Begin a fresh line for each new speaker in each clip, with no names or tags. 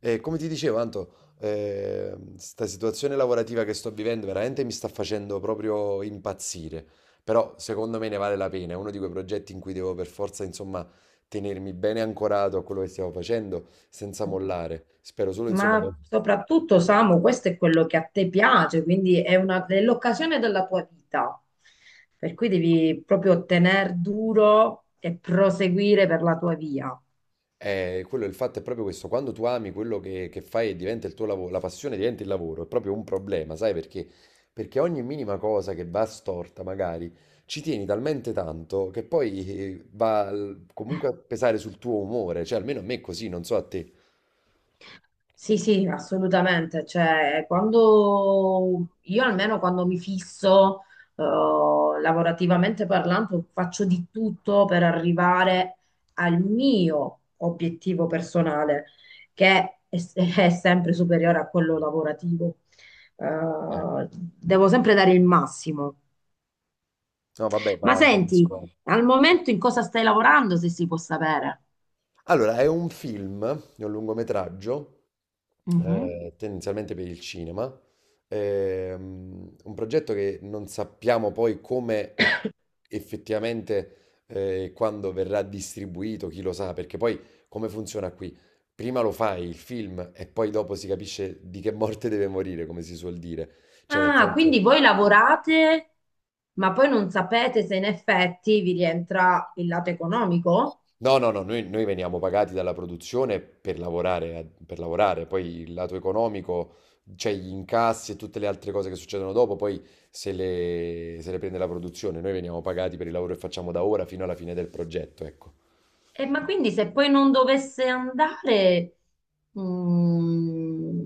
E come ti dicevo, Anto, questa situazione lavorativa che sto vivendo veramente mi sta facendo proprio impazzire. Però secondo me ne vale la pena. È uno di quei progetti in cui devo per forza, insomma, tenermi bene ancorato a quello che stiamo facendo senza mollare. Spero solo, insomma, che
Ma soprattutto, Samu, questo è quello che a te piace, quindi è l'occasione della tua vita. Per cui devi proprio tener duro e proseguire per la tua via.
Quello, il fatto è proprio questo, quando tu ami quello che fai e diventa il tuo lavoro, la passione diventa il lavoro, è proprio un problema, sai perché? Perché ogni minima cosa che va storta, magari, ci tieni talmente tanto che poi comunque a pesare sul tuo umore, cioè almeno a me è così, non so a te.
Sì, sì, assolutamente. Cioè, quando io almeno quando mi fisso, lavorativamente parlando, faccio di tutto per arrivare al mio obiettivo personale, che è, è sempre superiore a quello lavorativo.
Eh.
Eh, devo sempre dare il massimo.
No, vabbè,
Ma
ma
senti,
penso-
al momento in cosa stai lavorando, se si può sapere?
Allora, è un film, è un lungometraggio
Mhm.
tendenzialmente per il cinema. Un progetto che non sappiamo poi come e effettivamente quando verrà distribuito, chi lo sa, perché poi come funziona qui? Prima lo fai il film e poi dopo si capisce di che morte deve morire, come si suol dire. Cioè, nel
Ah, quindi
senso,
voi lavorate, ma poi non sapete se in effetti vi rientra il lato economico?
no, no, no, noi veniamo pagati dalla produzione per lavorare, per lavorare, poi il lato economico, cioè gli incassi e tutte le altre cose che succedono dopo, poi se le prende la produzione, noi veniamo pagati per il lavoro che facciamo da ora fino alla fine del progetto, ecco.
E ma quindi se poi non dovesse andare, mm,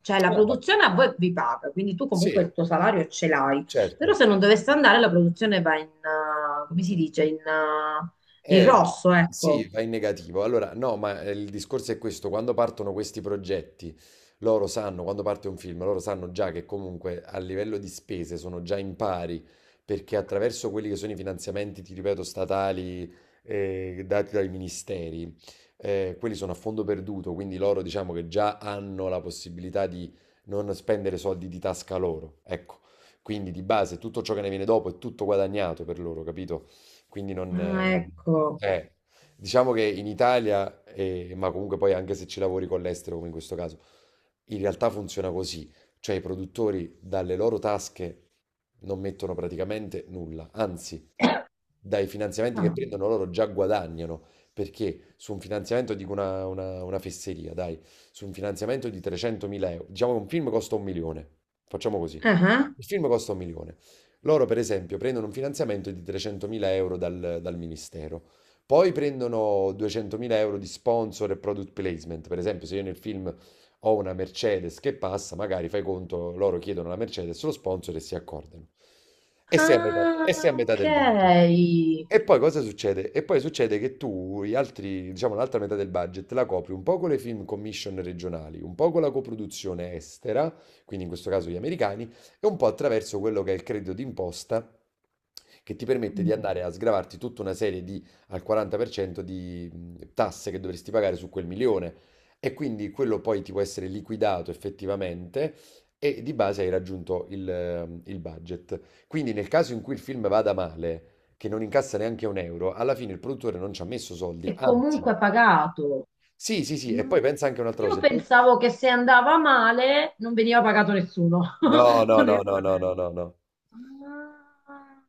cioè la
No,
produzione a voi vi paga, quindi tu comunque
sì,
il tuo salario ce l'hai, però
certo.
se non dovesse andare la produzione va in, come si dice, in, in
Eh,
rosso,
sì,
ecco.
va in negativo. Allora, no, ma il discorso è questo, quando partono questi progetti, loro sanno, quando parte un film, loro sanno già che comunque a livello di spese sono già in pari, perché attraverso quelli che sono i finanziamenti, ti ripeto, statali, dati dai ministeri, quelli sono a fondo perduto, quindi loro diciamo che già hanno la possibilità di non spendere soldi di tasca loro, ecco. Quindi di base tutto ciò che ne viene dopo è tutto guadagnato per loro, capito? Quindi non.
Ah, ecco.
Eh, diciamo che in Italia, ma comunque poi anche se ci lavori con l'estero, come in questo caso, in realtà funziona così. Cioè i produttori dalle loro tasche non mettono praticamente nulla, anzi, dai finanziamenti che
Ah,
prendono loro già guadagnano, perché su un finanziamento, dico una fesseria, dai, su un finanziamento di 300.000 euro, diciamo che un film costa un milione, facciamo così.
ah, ah.
Il film costa un milione. Loro, per esempio, prendono un finanziamento di 300.000 euro dal ministero. Poi prendono 200.000 euro di sponsor e product placement. Per esempio, se io nel film ho una Mercedes che passa, magari fai conto, loro chiedono la Mercedes, lo sponsor e si accordano. E sei a metà, e
Ah,
sei a metà
ok.
del budget. E poi cosa succede? E poi succede che tu, gli altri, diciamo, l'altra metà del budget la copri un po' con le film commission regionali, un po' con la coproduzione estera, quindi in questo caso gli americani, e un po' attraverso quello che è il credito d'imposta che ti permette di
Mm.
andare a sgravarti tutta una serie di al 40% di tasse che dovresti pagare su quel milione e quindi quello poi ti può essere liquidato effettivamente e di base hai raggiunto il budget. Quindi nel caso in cui il film vada male, che non incassa neanche un euro, alla fine il produttore non ci ha messo soldi,
E
anzi,
comunque pagato.
sì, sì, sì,
Ma
e poi pensa anche a un'altra
io
cosa. Il pro-
pensavo che se andava male non veniva pagato nessuno,
No, no, no, no, no,
onestamente.
no, no, no,
Ah.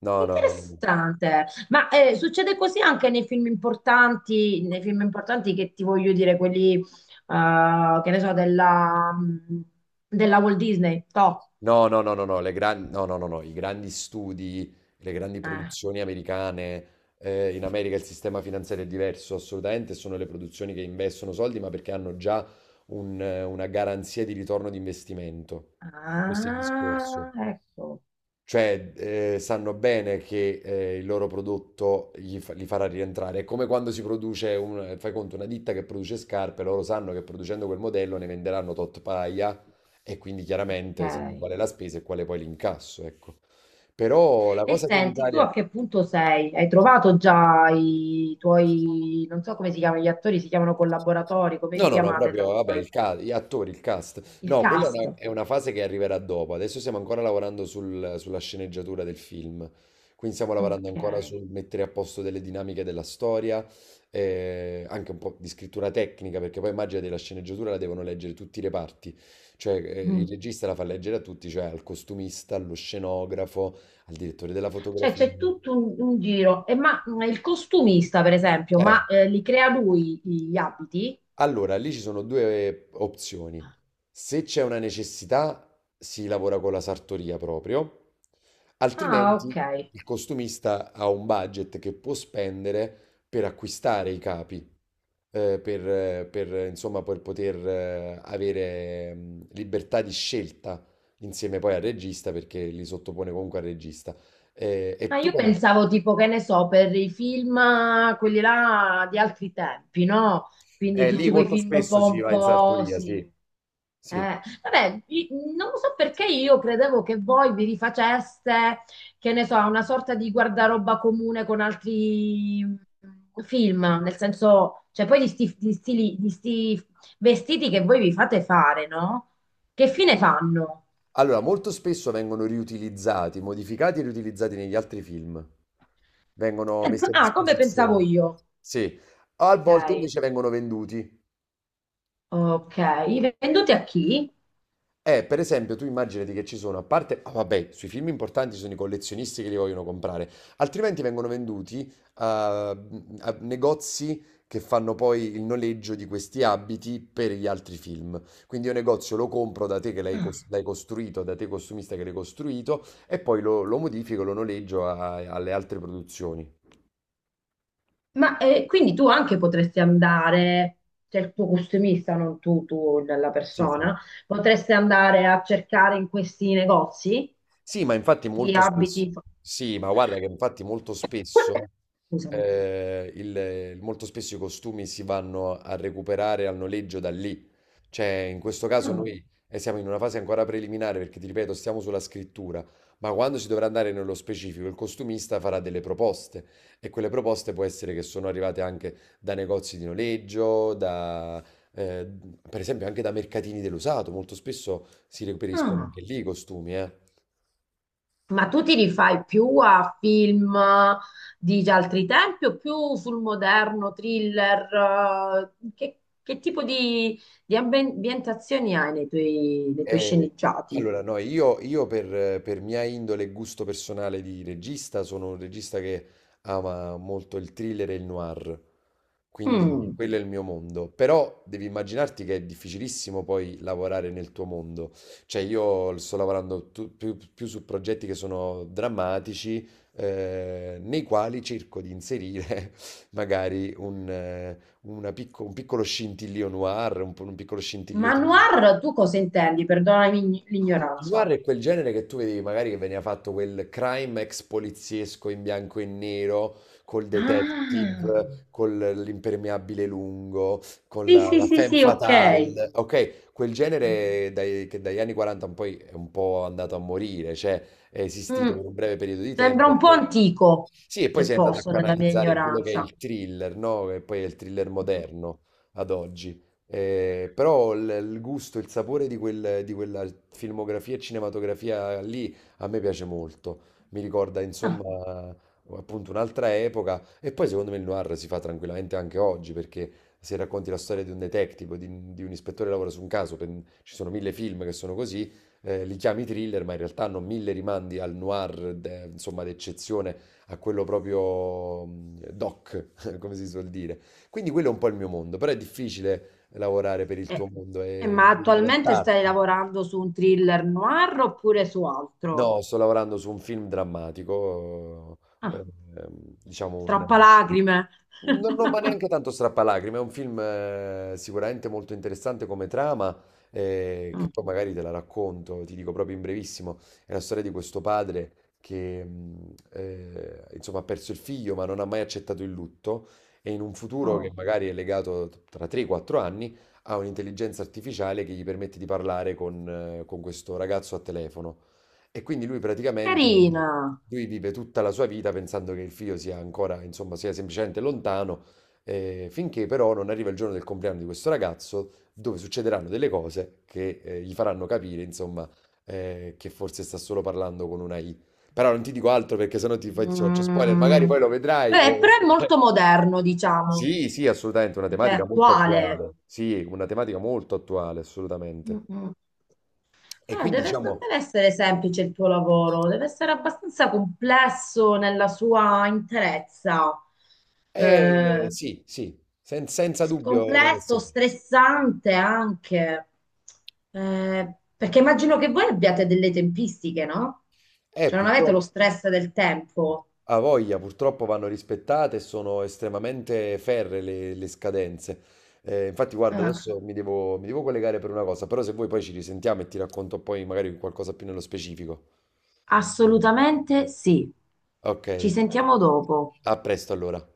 no, no, no, no. No.
Interessante, ma succede così anche nei film importanti che ti voglio dire, quelli che ne so, della, mm, della Walt Disney, no?
No, no, no, no, no, no, no, no, no, i grandi studi, le grandi
Eh.
produzioni americane, in America il sistema finanziario è diverso, assolutamente, sono le produzioni che investono soldi, ma perché hanno già una garanzia di ritorno di investimento. Questo è il discorso.
Ah, ecco,
Cioè, sanno bene che il loro prodotto li farà rientrare. È come quando si produce, fai conto, una ditta che produce scarpe, loro sanno che producendo quel modello ne venderanno tot paia e quindi chiaramente sanno
ok.
qual è la spesa e quale poi l'incasso, ecco. Però la
E
cosa che in
senti, tu
Italia.
a che punto sei? Hai trovato già i tuoi, non so come si chiamano gli attori, si chiamano collaboratori, come
No,
vi
no, no,
chiamate
proprio,
tra
vabbè,
voi?
gli attori, il cast.
Il
No, quella è
cast.
una fase che arriverà dopo. Adesso stiamo ancora lavorando sulla sceneggiatura del film. Quindi stiamo lavorando
Ok.
ancora sul mettere a posto delle dinamiche della storia, anche un po' di scrittura tecnica, perché poi immagina della sceneggiatura la devono leggere tutti i reparti. Cioè,
Mm.
il regista la fa leggere a tutti, cioè al costumista, allo scenografo, al direttore della
Cioè
fotografia.
c'è tutto un giro. E ma il costumista, per esempio,
Eh.
ma li crea lui gli abiti?
Allora, lì ci sono due opzioni. Se c'è una necessità, si lavora con la sartoria proprio,
Ah, ok.
altrimenti il costumista ha un budget che può spendere per acquistare i capi, per, insomma, per poter avere libertà di scelta insieme poi al regista, perché li sottopone comunque al regista. E
Ma
tu
io
pensi?
pensavo tipo, che ne so, per i film, quelli là di altri tempi, no? Quindi
Lì
tutti quei
molto
film
spesso si va in sartoria, sì.
pomposi.
Sì.
Vabbè, non so perché io credevo che voi vi rifaceste, che ne so, a una sorta di guardaroba comune con altri film, nel senso, cioè poi di sti vestiti che voi vi fate fare, no? Che fine fanno?
Allora, molto spesso vengono riutilizzati, modificati e riutilizzati negli altri film. Vengono messi a
Ah, come pensavo
disposizione.
io.
Sì, a volte
Ok.
invece vengono venduti.
Ok, venduti a chi?
Per esempio, tu immaginati che ci sono, a parte, ah, vabbè, sui film importanti ci sono i collezionisti che li vogliono comprare, altrimenti vengono venduti a negozi che fanno poi il noleggio di questi abiti per gli altri film. Quindi io negozio lo compro da te che l'hai
Ah.
l'hai costruito, da te costumista che l'hai costruito, e poi lo modifico, lo noleggio alle altre produzioni.
Ma quindi tu anche potresti andare, cioè il tuo costumista, non tu, tu, la
Sì, sì.
persona, potresti andare a cercare in questi negozi
Sì, ma infatti
di
molto
abiti.
spesso, sì, ma guarda che infatti molto spesso,
Scusami.
eh, il- molto spesso i costumi si vanno a recuperare al noleggio da lì. Cioè, in questo caso
Ah.
noi siamo in una fase ancora preliminare perché, ti ripeto, stiamo sulla scrittura, ma quando si dovrà andare nello specifico, il costumista farà delle proposte e quelle proposte può essere che sono arrivate anche da negozi di noleggio, da, eh, per esempio anche da mercatini dell'usato, molto spesso si reperiscono
Ah.
anche lì i costumi, eh.
Ma tu ti rifai più a film di altri tempi o più sul moderno, thriller? Che tipo di, ambientazioni hai nei tuoi
Eh,
sceneggiati?
allora, no, io per mia indole e gusto personale di regista sono un regista che ama molto il thriller e il noir, quindi
Mm.
quello è il mio mondo. Però devi immaginarti che è difficilissimo poi lavorare nel tuo mondo. Cioè io sto lavorando più su progetti che sono drammatici, nei quali cerco di inserire magari un piccolo scintillio noir, un piccolo
Ma
scintillio thriller.
noir tu cosa intendi? Perdonami
Il noir
l'ignoranza.
è quel genere che tu vedevi magari che veniva fatto quel crime ex poliziesco in bianco e nero, col
Ah,
detective, con l'impermeabile lungo, con
sì,
la,
sì,
la
sì,
femme
sì, ok.
fatale. Ok, quel genere che dagli anni 40 in poi è un po' andato a morire, cioè è esistito
Mm.
per un breve periodo di
Sembra
tempo e
un po'
poi.
antico,
Sì, e poi
se
si è andato a
posso, nella mia
canalizzare in quello che è
ignoranza.
il thriller, no? Che poi è il thriller moderno ad oggi. Però il gusto, il sapore di di quella filmografia e cinematografia lì a me piace molto. Mi ricorda, insomma, appunto un'altra epoca. E poi secondo me il noir si fa tranquillamente anche oggi, perché se racconti la storia di un detective, o di un ispettore che lavora su un caso, ci sono mille film che sono così, li chiami thriller, ma in realtà hanno mille rimandi al noir, insomma, d'eccezione a quello proprio doc, come si suol dire. Quindi quello è un po' il mio mondo, però è difficile lavorare per il tuo
Eh,
mondo e
ma
devi
attualmente stai
adattarti.
lavorando su un thriller noir oppure su altro?
No, sto lavorando su un film drammatico, eh,
Ah,
diciamo un,
troppa lacrime.
non, ma neanche tanto strappalacrime, è un film sicuramente molto interessante come trama, che
Mm,
poi magari te la racconto, ti dico proprio in brevissimo, è la storia di questo padre che insomma ha perso il figlio ma non ha mai accettato il lutto e in un futuro che
oh,
magari è legato tra 3-4 anni ha un'intelligenza artificiale che gli permette di parlare con questo ragazzo a telefono. E quindi lui praticamente
carina.
lui vive tutta la sua vita pensando che il figlio sia ancora, insomma, sia semplicemente lontano, finché però non arriva il giorno del compleanno di questo ragazzo, dove succederanno delle cose che gli faranno capire, insomma, che forse sta solo parlando con una I. Però non ti dico altro perché sennò ti faccio, spoiler, magari
Mm,
poi lo vedrai.
però è molto moderno, diciamo,
Sì, sì, assolutamente, una
cioè
tematica molto
attuale.
attuale. Sì, una tematica molto attuale,
Mm,
assolutamente.
mm.
E quindi
Deve, non
diciamo,
deve essere semplice il tuo lavoro, deve essere abbastanza complesso nella sua interezza.
eh,
Eh,
sì, sì, senza dubbio non è
complesso,
semplice.
stressante anche, eh, perché immagino che voi abbiate delle tempistiche, no? Cioè non avete
Purtroppo,
lo stress del tempo.
a voglia, purtroppo vanno rispettate e sono estremamente ferree le scadenze. Infatti, guarda,
Ah,
adesso mi devo collegare per una cosa, però se vuoi poi ci risentiamo e ti racconto poi magari qualcosa più nello specifico.
assolutamente sì.
Ok,
Ci sentiamo dopo.
a presto allora.